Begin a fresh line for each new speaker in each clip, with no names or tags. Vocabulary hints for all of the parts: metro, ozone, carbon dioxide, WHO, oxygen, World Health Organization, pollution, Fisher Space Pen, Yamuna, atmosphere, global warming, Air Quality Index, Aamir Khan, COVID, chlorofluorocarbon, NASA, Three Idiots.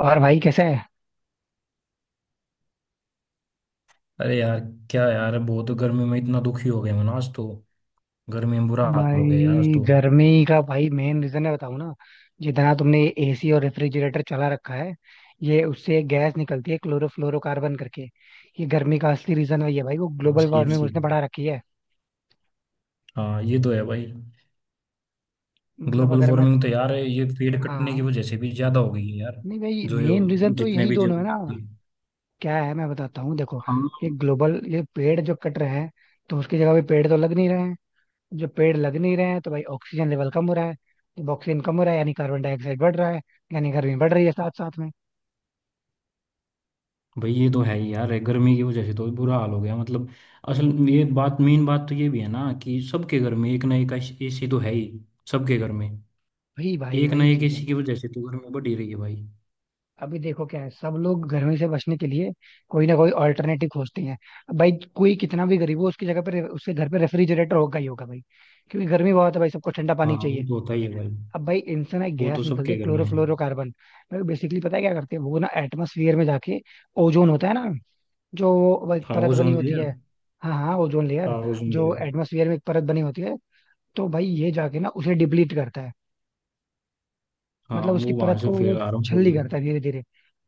और भाई कैसे है।
अरे यार। क्या यार, बहुत गर्मी में इतना दुखी हो गया मैं ना आज तो। गर्मी में बुरा हाल हो गया यार आज
भाई
तो।
गर्मी का भाई मेन रीजन है बताऊं ना। जितना तुमने एसी और रेफ्रिजरेटर चला रखा है, ये उससे एक गैस निकलती है क्लोरोफ्लोरोकार्बन करके। ये गर्मी का असली रीजन वही है भाई, वो ग्लोबल वार्मिंग
सीएफसी।
उसने बढ़ा रखी है।
हाँ, ये तो है भाई।
मतलब
ग्लोबल
अगर मैं।
वार्मिंग तो यार ये पेड़ कटने की
हाँ।
वजह से भी ज्यादा हो गई है यार।
नहीं भाई
जो
मेन रीजन तो
जितने
यही
भी जो।
दोनों है ना। क्या है, मैं बताता हूँ देखो।
हाँ
ये पेड़ जो कट रहे हैं, तो उसकी जगह पे पेड़ तो लग नहीं रहे हैं। जब पेड़ लग नहीं रहे हैं तो भाई ऑक्सीजन लेवल कम हो रहा है। जब ऑक्सीजन कम हो रहा है यानी कार्बन डाइऑक्साइड बढ़ रहा है, यानी गर्मी बढ़ रही है साथ साथ में।
भाई, ये तो है ही यार, गर्मी की वजह से तो बुरा हाल हो गया। मतलब असल में ये बात, मेन बात तो ये भी है ना कि सबके घर में एक ना एक एसी तो है ही, सबके घर में।
वही भाई
एक ना
वही
एक
चीज है।
एसी की वजह से तो गर्मी बढ़ ही रही है भाई।
अभी देखो क्या है, सब लोग गर्मी से बचने के लिए कोई ना कोई ऑल्टरनेटिव खोजते हैं। अब भाई कोई कितना भी गरीब हो उसकी जगह पर, उसके घर पे रेफ्रिजरेटर होगा ही होगा भाई। क्योंकि गर्मी बहुत है भाई, सबको ठंडा
हाँ,
पानी
वो
चाहिए।
तो होता ही है भाई।
अब भाई इनसे ना एक
वो तो
गैस निकलती है
सबके घर में है।
क्लोरोफ्लोरोकार्बन। भाई बेसिकली पता है क्या करते हैं वो ना, एटमोसफियर में जाके ओजोन होता है ना, जो वो एक परत
हाउस
बनी
ओन
होती
लेयर।
है। हाँ हाँ ओजोन लेयर,
हाउस ओन
जो
लेयर।
एटमोसफियर में एक परत बनी होती है, तो भाई ये जाके ना उसे डिप्लीट करता है।
हाँ,
मतलब उसकी
वो वहां
परत
से
को
फिर
वो
आ रहा हूँ
छलनी
फुल।
करता है धीरे धीरे।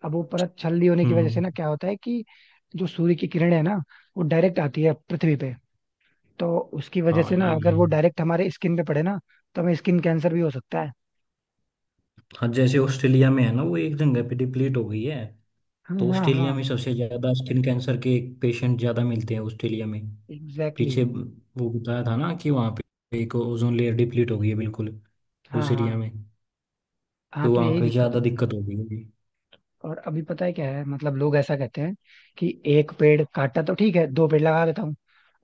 अब वो परत छलनी होने की वजह से
हम्म।
ना क्या होता है कि जो सूर्य की किरण है ना, वो डायरेक्ट आती है पृथ्वी पे। तो उसकी वजह
हाँ
से ना
ये भी
अगर वो
है।
डायरेक्ट हमारे स्किन पे पड़े ना, तो हमें स्किन कैंसर भी हो सकता है।
हाँ, जैसे ऑस्ट्रेलिया में है ना, वो एक जगह पे डिप्लीट हो गई है।
हाँ
तो
हाँ हाँ
ऑस्ट्रेलिया में सबसे ज्यादा स्किन कैंसर के पेशेंट ज्यादा मिलते हैं ऑस्ट्रेलिया में।
एग्जैक्टली,
पीछे वो बताया था ना कि वहाँ पे एक ओजोन लेयर डिप्लीट हो गई है बिल्कुल,
हाँ
उस एरिया
हाँ
में।
हाँ
तो
तो
वहाँ
यही
पे
दिक्कत
ज्यादा
है।
दिक्कत हो गई है।
और अभी पता है क्या है, मतलब लोग ऐसा कहते हैं कि एक पेड़ काटा तो ठीक है, दो पेड़ लगा देता हूँ।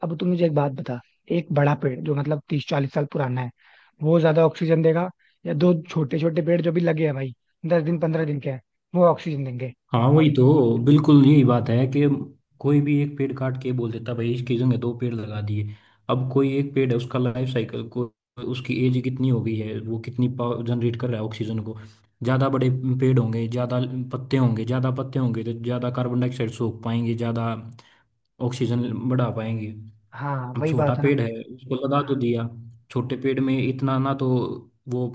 अब तू मुझे एक बात बता, एक बड़ा पेड़ जो मतलब 30 40 साल पुराना है, वो ज्यादा ऑक्सीजन देगा, या दो छोटे छोटे पेड़ जो भी लगे हैं भाई 10 दिन 15 दिन के हैं, वो ऑक्सीजन देंगे।
हाँ वही तो, बिल्कुल यही बात है कि कोई भी एक पेड़ काट के बोल देता भाई इसकी जगह दो पेड़ लगा दिए। अब कोई एक पेड़ है, उसका लाइफ साइकिल को, उसकी एज कितनी हो गई है, वो कितनी पावर जनरेट कर रहा है ऑक्सीजन को। ज़्यादा बड़े पेड़ होंगे, ज़्यादा पत्ते होंगे, ज़्यादा पत्ते होंगे तो ज़्यादा कार्बन डाइऑक्साइड सोख पाएंगे, ज़्यादा ऑक्सीजन बढ़ा पाएंगे।
हाँ
अब
वही
छोटा
बात है ना।
पेड़ है, उसको लगा तो
हाँ।
दिया। छोटे पेड़ में इतना ना तो वो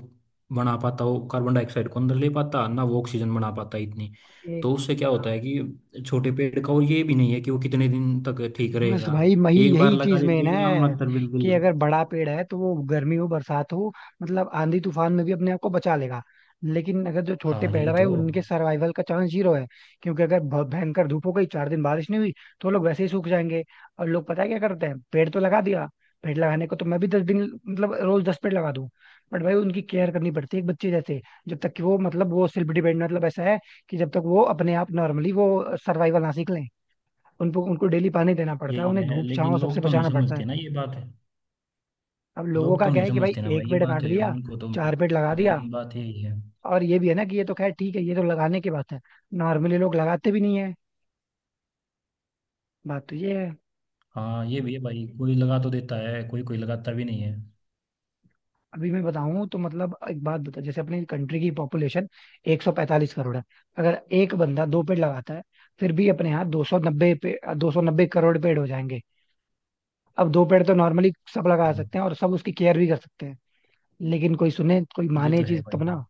बना पाता, वो कार्बन डाइऑक्साइड को अंदर ले पाता, ना वो ऑक्सीजन बना पाता इतनी। तो
एक
उससे क्या
हाँ।
होता है कि छोटे पेड़ का, और ये भी नहीं है कि वो कितने दिन तक ठीक
बस
रहेगा।
भाई वही
एक बार
यही
लगा
चीज
देते
मेन
हैं नाम
है
मात्र, बिल्कुल।
कि अगर बड़ा पेड़ है तो वो गर्मी हो बरसात हो, मतलब आंधी तूफान में भी अपने आप को बचा लेगा। लेकिन अगर जो छोटे
हाँ
पेड़ है
यही
भाई,
तो।
उनके सर्वाइवल का चांस जीरो है। क्योंकि अगर भयंकर धूप हो गई, चार दिन बारिश नहीं हुई, तो लोग वैसे ही सूख जाएंगे। और लोग पता है क्या करते हैं, पेड़ तो लगा दिया। पेड़ लगाने को तो मैं भी 10 दिन, मतलब रोज 10 पेड़ लगा दूं, बट भाई उनकी केयर करनी पड़ती है एक बच्चे जैसे। जब तक कि वो मतलब वो सेल्फ डिपेंडेंट, मतलब ऐसा है कि जब तक वो अपने आप नॉर्मली वो सर्वाइवल ना सीख लें, उनको उनको डेली पानी देना पड़ता है,
यही
उन्हें
है,
धूप
लेकिन
छांव सबसे
लोग तो नहीं
बचाना पड़ता है।
समझते ना, ये बात है।
अब लोगों
लोग
का
तो
क्या
नहीं
है कि भाई
समझते ना भाई,
एक
ये
पेड़
बात
काट
है,
दिया,
उनको तो
चार पेड़ लगा दिया।
मेन बात यही है।
और ये भी है ना कि ये तो खैर ठीक है, ये तो लगाने की बात है। नॉर्मली लोग लगाते भी नहीं है, बात तो ये है।
हाँ, ये भी है भाई, कोई लगा तो देता है, कोई कोई लगाता भी नहीं है।
अभी मैं बताऊं तो मतलब एक बात बता, जैसे अपनी कंट्री की पॉपुलेशन 145 करोड़ है। अगर एक बंदा दो पेड़ लगाता है, फिर भी अपने यहाँ 290 पे 290 करोड़ पेड़ हो जाएंगे। अब दो पेड़ तो नॉर्मली सब लगा सकते
हाँ,
हैं, और सब उसकी केयर भी कर सकते हैं। लेकिन कोई सुने कोई
ये
माने
तो है
चीज
भाई।
तब ना।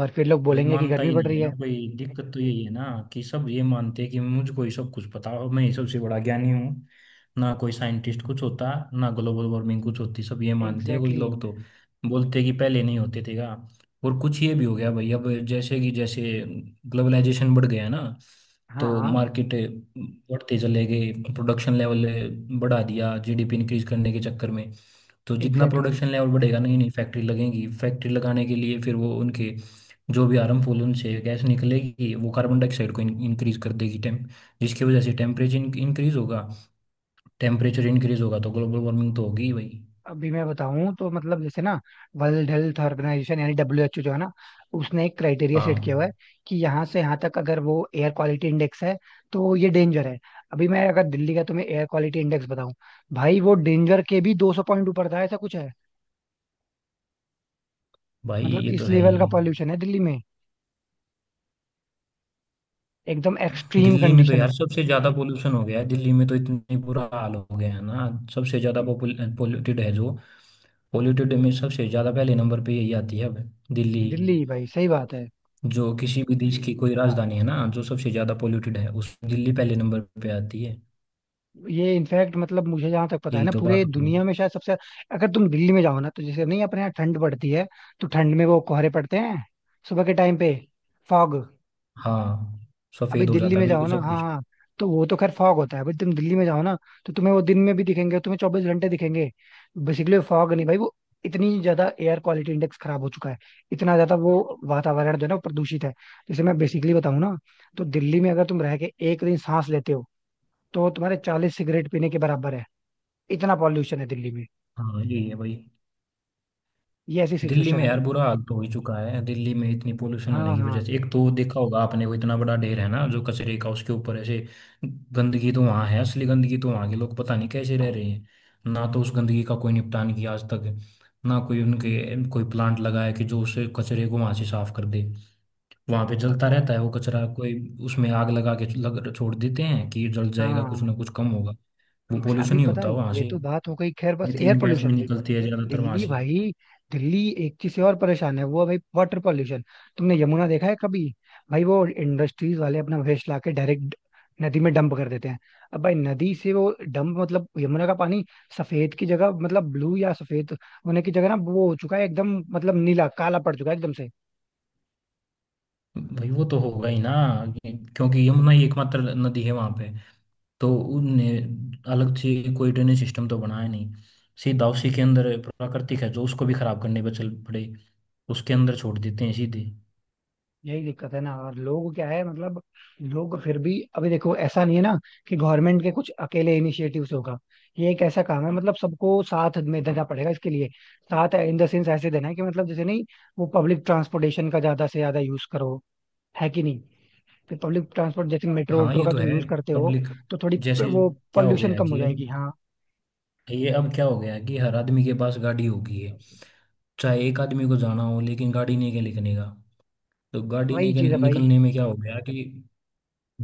और फिर लोग
भाई
बोलेंगे कि
मानता
गर्मी
ही
बढ़
नहीं
रही
है ना
है।
कोई, दिक्कत तो यही है ना कि सब ये मानते हैं कि मुझको ही सब कुछ पता हो, मैं ही सबसे बड़ा ज्ञानी हूँ। ना कोई साइंटिस्ट कुछ होता, ना ग्लोबल वार्मिंग कुछ होती, सब ये मानते हैं। कोई
एग्जैक्टली exactly,
लोग तो बोलते हैं कि पहले नहीं होते थे का। और कुछ ये भी हो गया भाई, अब जैसे ग्लोबलाइजेशन बढ़ गया ना,
हाँ
तो
हाँ
मार्केट बढ़ते चले गए, प्रोडक्शन लेवल बढ़ा दिया जीडीपी इंक्रीज करने के चक्कर में। तो जितना
एग्जैक्टली exactly।
प्रोडक्शन लेवल बढ़ेगा, नहीं नहीं फैक्ट्री लगेगी, फैक्ट्री लगाने के लिए फिर वो उनके जो भी हार्मफुल उनसे गैस निकलेगी वो कार्बन डाइऑक्साइड को इंक्रीज कर देगी। टेम जिसकी वजह से टेम्परेचर इंक्रीज होगा, टेम्परेचर इंक्रीज होगा तो ग्लोबल वार्मिंग तो होगी ही भाई।
अभी मैं बताऊं तो मतलब जैसे ना वर्ल्ड हेल्थ ऑर्गेनाइजेशन यानी WHO जो है ना, उसने एक क्राइटेरिया सेट किया
हाँ
हुआ है कि यहाँ से यहाँ तक अगर वो एयर क्वालिटी इंडेक्स है, तो ये डेंजर है। अभी मैं अगर दिल्ली का तुम्हें एयर क्वालिटी इंडेक्स बताऊं, भाई वो डेंजर के भी 200 पॉइंट ऊपर था, ऐसा कुछ है।
भाई,
मतलब
ये तो
इस
है
लेवल का
ही।
पॉल्यूशन है दिल्ली में, एकदम एक्सट्रीम
दिल्ली में तो
कंडीशन है
यार सबसे ज्यादा पोल्यूशन हो गया है, दिल्ली में तो इतनी बुरा हाल हो गया है ना। सबसे ज्यादा पोल्यूटेड है जो, पोल्यूटेड में सबसे ज्यादा पहले नंबर पे यही आती है अब, दिल्ली।
दिल्ली भाई, सही बात है।
जो किसी भी देश की कोई राजधानी है ना, जो सबसे ज्यादा पोल्यूटेड है, उस दिल्ली पहले नंबर पे आती है।
ये इनफैक्ट मतलब मुझे जहां तक पता है
यही
ना,
तो
पूरे
बात होगी।
दुनिया में शायद सबसे। अगर तुम दिल्ली में जाओ ना, तो जैसे नहीं अपने यहाँ ठंड पड़ती है, तो ठंड में वो कोहरे पड़ते हैं सुबह के टाइम पे, फॉग।
हाँ,
अभी
सफेद हो
दिल्ली
जाता है
में जाओ
बिल्कुल
ना,
सब
हाँ
कुछ।
हाँ तो वो तो खैर फॉग होता है, बट तुम दिल्ली में जाओ ना, तो तुम्हें वो दिन में भी दिखेंगे, तुम्हें 24 घंटे दिखेंगे। बेसिकली फॉग नहीं भाई वो, इतनी ज्यादा एयर क्वालिटी इंडेक्स खराब हो चुका है, इतना ज्यादा वो वातावरण जो है ना, वो प्रदूषित है। जैसे मैं बेसिकली बताऊं ना, तो दिल्ली में अगर तुम रह के एक दिन सांस लेते हो, तो तुम्हारे 40 सिगरेट पीने के बराबर है। इतना पॉल्यूशन है दिल्ली में,
हाँ, यही है भाई।
ये ऐसी
दिल्ली
सिचुएशन
में
है भाई।
यार बुरा हाल तो हो ही चुका है, दिल्ली में इतनी पोल्यूशन होने
हाँ
की वजह से
हाँ।
एक तो देखा होगा आपने, वो इतना बड़ा ढेर है ना जो कचरे का, उसके ऊपर ऐसे गंदगी तो वहाँ है, असली गंदगी तो वहाँ के। लोग पता नहीं कैसे रह रहे हैं, ना तो उस गंदगी का कोई निपटान किया आज तक, ना कोई उनके कोई प्लांट लगाया कि जो उस कचरे को वहाँ से साफ कर दे। वहां पे
अब
जलता रहता है वो कचरा, कोई उसमें आग लगा के लग छोड़ देते हैं कि जल जाएगा, कुछ
हाँ
ना कुछ कम होगा। वो
अभी
पोल्यूशन ही
पता
होता
है
है वहां
ये
से,
तो बात हो गई खैर, बस एयर
मीथेन गैस भी
पोल्यूशन की।
निकलती है ज्यादातर वहां
दिल्ली
से।
भाई, दिल्ली एक चीज से और परेशान है, वो है भाई वाटर पोल्यूशन। तुमने यमुना देखा है कभी, भाई वो इंडस्ट्रीज वाले अपना वेस्ट ला के डायरेक्ट नदी में डंप कर देते हैं। अब भाई नदी से वो डंप, मतलब यमुना का पानी सफेद की जगह, मतलब ब्लू या सफेद होने की जगह ना, वो हो चुका है एकदम, मतलब नीला काला पड़ चुका है एकदम से।
भाई वो तो होगा ही ना, क्योंकि यमुना ही एकमात्र नदी है वहां पे। तो उनने अलग से कोई ड्रेनेज सिस्टम तो बनाया नहीं, सीधा उसी के अंदर। प्राकृतिक है जो, उसको भी खराब करने पर चल पड़े, उसके अंदर छोड़ देते हैं सीधे।
यही दिक्कत है ना। और लोग क्या है, मतलब लोग फिर भी, अभी देखो ऐसा नहीं है ना कि गवर्नमेंट के कुछ अकेले इनिशिएटिव से होगा। ये एक ऐसा काम है, मतलब सबको साथ में देना पड़ेगा इसके लिए। साथ इन द सेंस ऐसे देना है कि मतलब जैसे नहीं, वो पब्लिक ट्रांसपोर्टेशन का ज्यादा से ज्यादा यूज करो, है कि नहीं, कि पब्लिक ट्रांसपोर्ट जैसे मेट्रो
हाँ,
वेट्रो
ये
का
तो
तुम
है।
यूज करते हो,
पब्लिक
तो थोड़ी
जैसे,
वो
क्या हो गया
पॉल्यूशन
है
कम हो
कि अब,
जाएगी। हाँ
ये अब क्या हो गया है कि हर आदमी के पास गाड़ी होगी है, चाहे एक आदमी को जाना हो लेकिन गाड़ी नहीं के निकलने का। तो गाड़ी नहीं
वही
के
चीज है भाई,
निकलने में क्या हो गया कि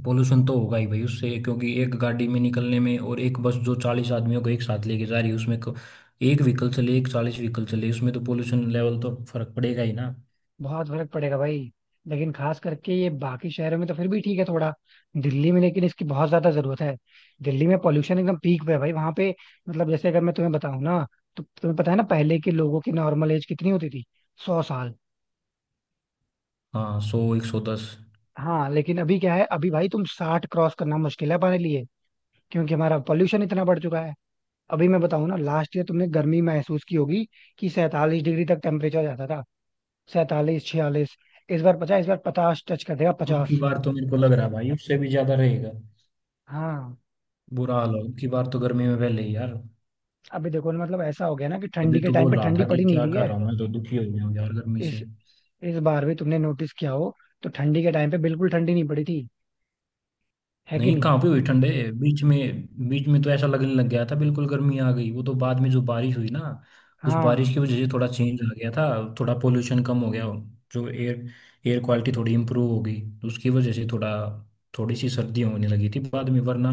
पोल्यूशन तो होगा ही भाई उससे, क्योंकि एक गाड़ी में निकलने में और एक बस जो 40 आदमियों को एक साथ लेके जा रही है उसमें एक व्हीकल चले, एक 40 व्हीकल चले, उसमें तो पोल्यूशन लेवल तो फर्क पड़ेगा ही ना।
बहुत फर्क पड़ेगा भाई। लेकिन खास करके ये बाकी शहरों में तो फिर भी ठीक है थोड़ा, दिल्ली में लेकिन इसकी बहुत ज्यादा जरूरत है। दिल्ली में पॉल्यूशन एकदम पीक पे है भाई वहां पे। मतलब जैसे अगर मैं तुम्हें बताऊं ना, तो तुम्हें पता है ना पहले के लोगों की नॉर्मल एज कितनी होती थी, 100 साल।
हाँ, 100, 110।
हाँ लेकिन अभी क्या है, अभी भाई तुम 60 क्रॉस करना मुश्किल है हमारे लिए, क्योंकि हमारा पॉल्यूशन इतना बढ़ चुका है। अभी मैं बताऊं ना, लास्ट ईयर तुमने गर्मी महसूस की होगी कि 47 डिग्री तक टेम्परेचर जाता था, 47 46। इस बार 50, इस बार पचास टच कर देगा
अब की
50।
बार तो मेरे को लग रहा है भाई उससे भी ज्यादा रहेगा।
हाँ।
बुरा हाल हो, अब की बार तो गर्मी में पहले ही यार।
अभी देखो ना, मतलब ऐसा हो गया ना कि ठंडी
तभी
के
तो
टाइम
बोल
पे
रहा
ठंडी
था कि
पड़ी नहीं
क्या
रही
कर
है।
रहा हूँ, मैं तो दुखी हो गया हूँ यार गर्मी
इस
से।
इस बार भी तुमने नोटिस किया हो, तो ठंडी के टाइम पे बिल्कुल ठंडी नहीं पड़ी थी, है कि
नहीं,
नहीं।
कहाँ पे हुई ठंडे। बीच में तो ऐसा लगने लग गया था बिल्कुल गर्मी आ गई, वो तो बाद में जो बारिश हुई ना, उस बारिश
हाँ
की वजह से थोड़ा चेंज आ गया था, थोड़ा पोल्यूशन कम हो गया, जो एयर एयर क्वालिटी थोड़ी इम्प्रूव हो गई तो उसकी वजह से थोड़ा, थोड़ी सी सर्दी होने लगी थी बाद में, वरना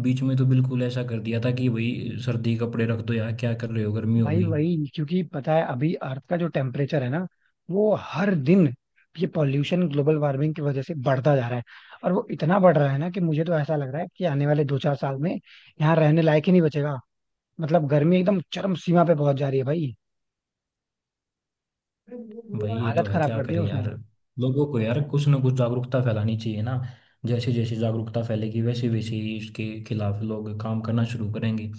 बीच में तो बिल्कुल ऐसा कर दिया था कि भाई सर्दी कपड़े रख दो यार, क्या कर रहे हो, गर्मी हो
भाई
गई।
वही, क्योंकि पता है अभी अर्थ का जो टेम्परेचर है ना, वो हर दिन ये पॉल्यूशन ग्लोबल वार्मिंग की वजह से बढ़ता जा रहा है। और वो इतना बढ़ रहा है ना कि मुझे तो ऐसा लग रहा है कि आने वाले 2 4 साल में यहाँ रहने लायक ही नहीं बचेगा। मतलब गर्मी एकदम चरम सीमा पे पहुंच जा रही है भाई,
भाई ये तो
हालत
है,
खराब
क्या
कर दी है
करें
उसने।
यार। लोगों को यार कुछ ना कुछ जागरूकता फैलानी चाहिए ना, जैसे जैसे जागरूकता फैलेगी वैसे वैसे ही इसके खिलाफ लोग काम करना शुरू करेंगे।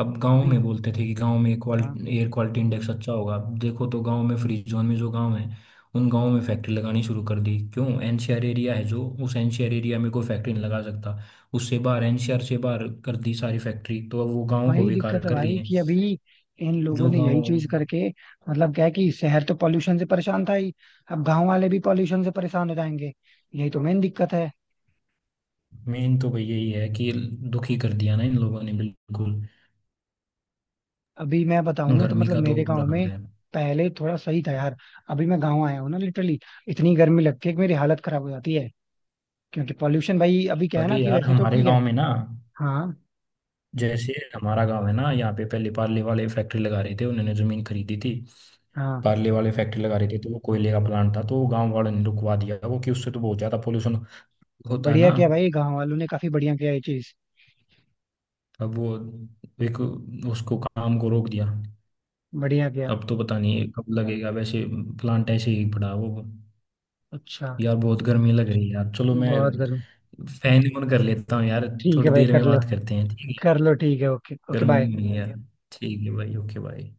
अब गांव में
अभी।
बोलते थे कि गांव में
हाँ
क्वालिटी एयर क्वालिटी इंडेक्स अच्छा होगा, अब देखो तो गांव में फ्री जोन में जो गांव है उन गांव में फैक्ट्री लगानी शुरू कर दी। क्यों, एनसीआर एरिया है जो, उस एनसीआर एरिया में कोई फैक्ट्री नहीं लगा सकता, उससे बाहर एनसीआर से बाहर कर दी सारी फैक्ट्री, तो अब वो गांव को
वही
बेकार
दिक्कत है
कर रही
भाई
है,
कि अभी इन लोगों
जो
ने यही
गांव।
चीज करके, मतलब क्या है कि शहर तो पॉल्यूशन से परेशान था ही, अब गांव वाले भी पॉल्यूशन से परेशान हो जाएंगे। यही तो मेन दिक्कत है।
मेन तो भैया यही है कि दुखी कर दिया ना इन लोगों ने बिल्कुल,
अभी मैं बताऊं ना तो
गर्मी
मतलब
का तो
मेरे
बुरा
गांव
हाल
में
है।
पहले थोड़ा सही था यार। अभी मैं गांव आया हूँ ना लिटरली, इतनी गर्मी लगती है कि मेरी हालत खराब हो जाती है, क्योंकि पॉल्यूशन भाई। अभी क्या है ना
अरे
कि
यार
वैसे तो
हमारे
ठीक है।
गांव में ना,
हाँ
जैसे हमारा गांव है ना यहाँ पे, पहले पार्ले वाले फैक्ट्री लगा रहे थे, उन्होंने जमीन खरीदी थी।
हाँ।
पार्ले वाले फैक्ट्री लगा रहे थे, तो वो कोयले का प्लांट था तो गांव वालों ने रुकवा दिया वो कि उससे तो बहुत ज्यादा पोल्यूशन होता है
बढ़िया
ना।
किया भाई, गांव वालों ने काफी बढ़िया किया ये चीज,
अब वो एक, उसको काम को रोक दिया।
बढ़िया किया।
अब तो पता नहीं कब लगेगा, वैसे प्लांट ऐसे ही पड़ा है वो।
अच्छा,
यार बहुत गर्मी लग रही है यार, चलो मैं
बहुत गर्मी।
फैन ऑन कर लेता हूँ यार।
ठीक है
थोड़ी
भाई
देर
कर
में
लो,
बात करते हैं, ठीक है।
कर लो ठीक है, ओके ओके
गर्मी
बाय।
में नहीं है यार। ठीक है भाई, ओके भाई।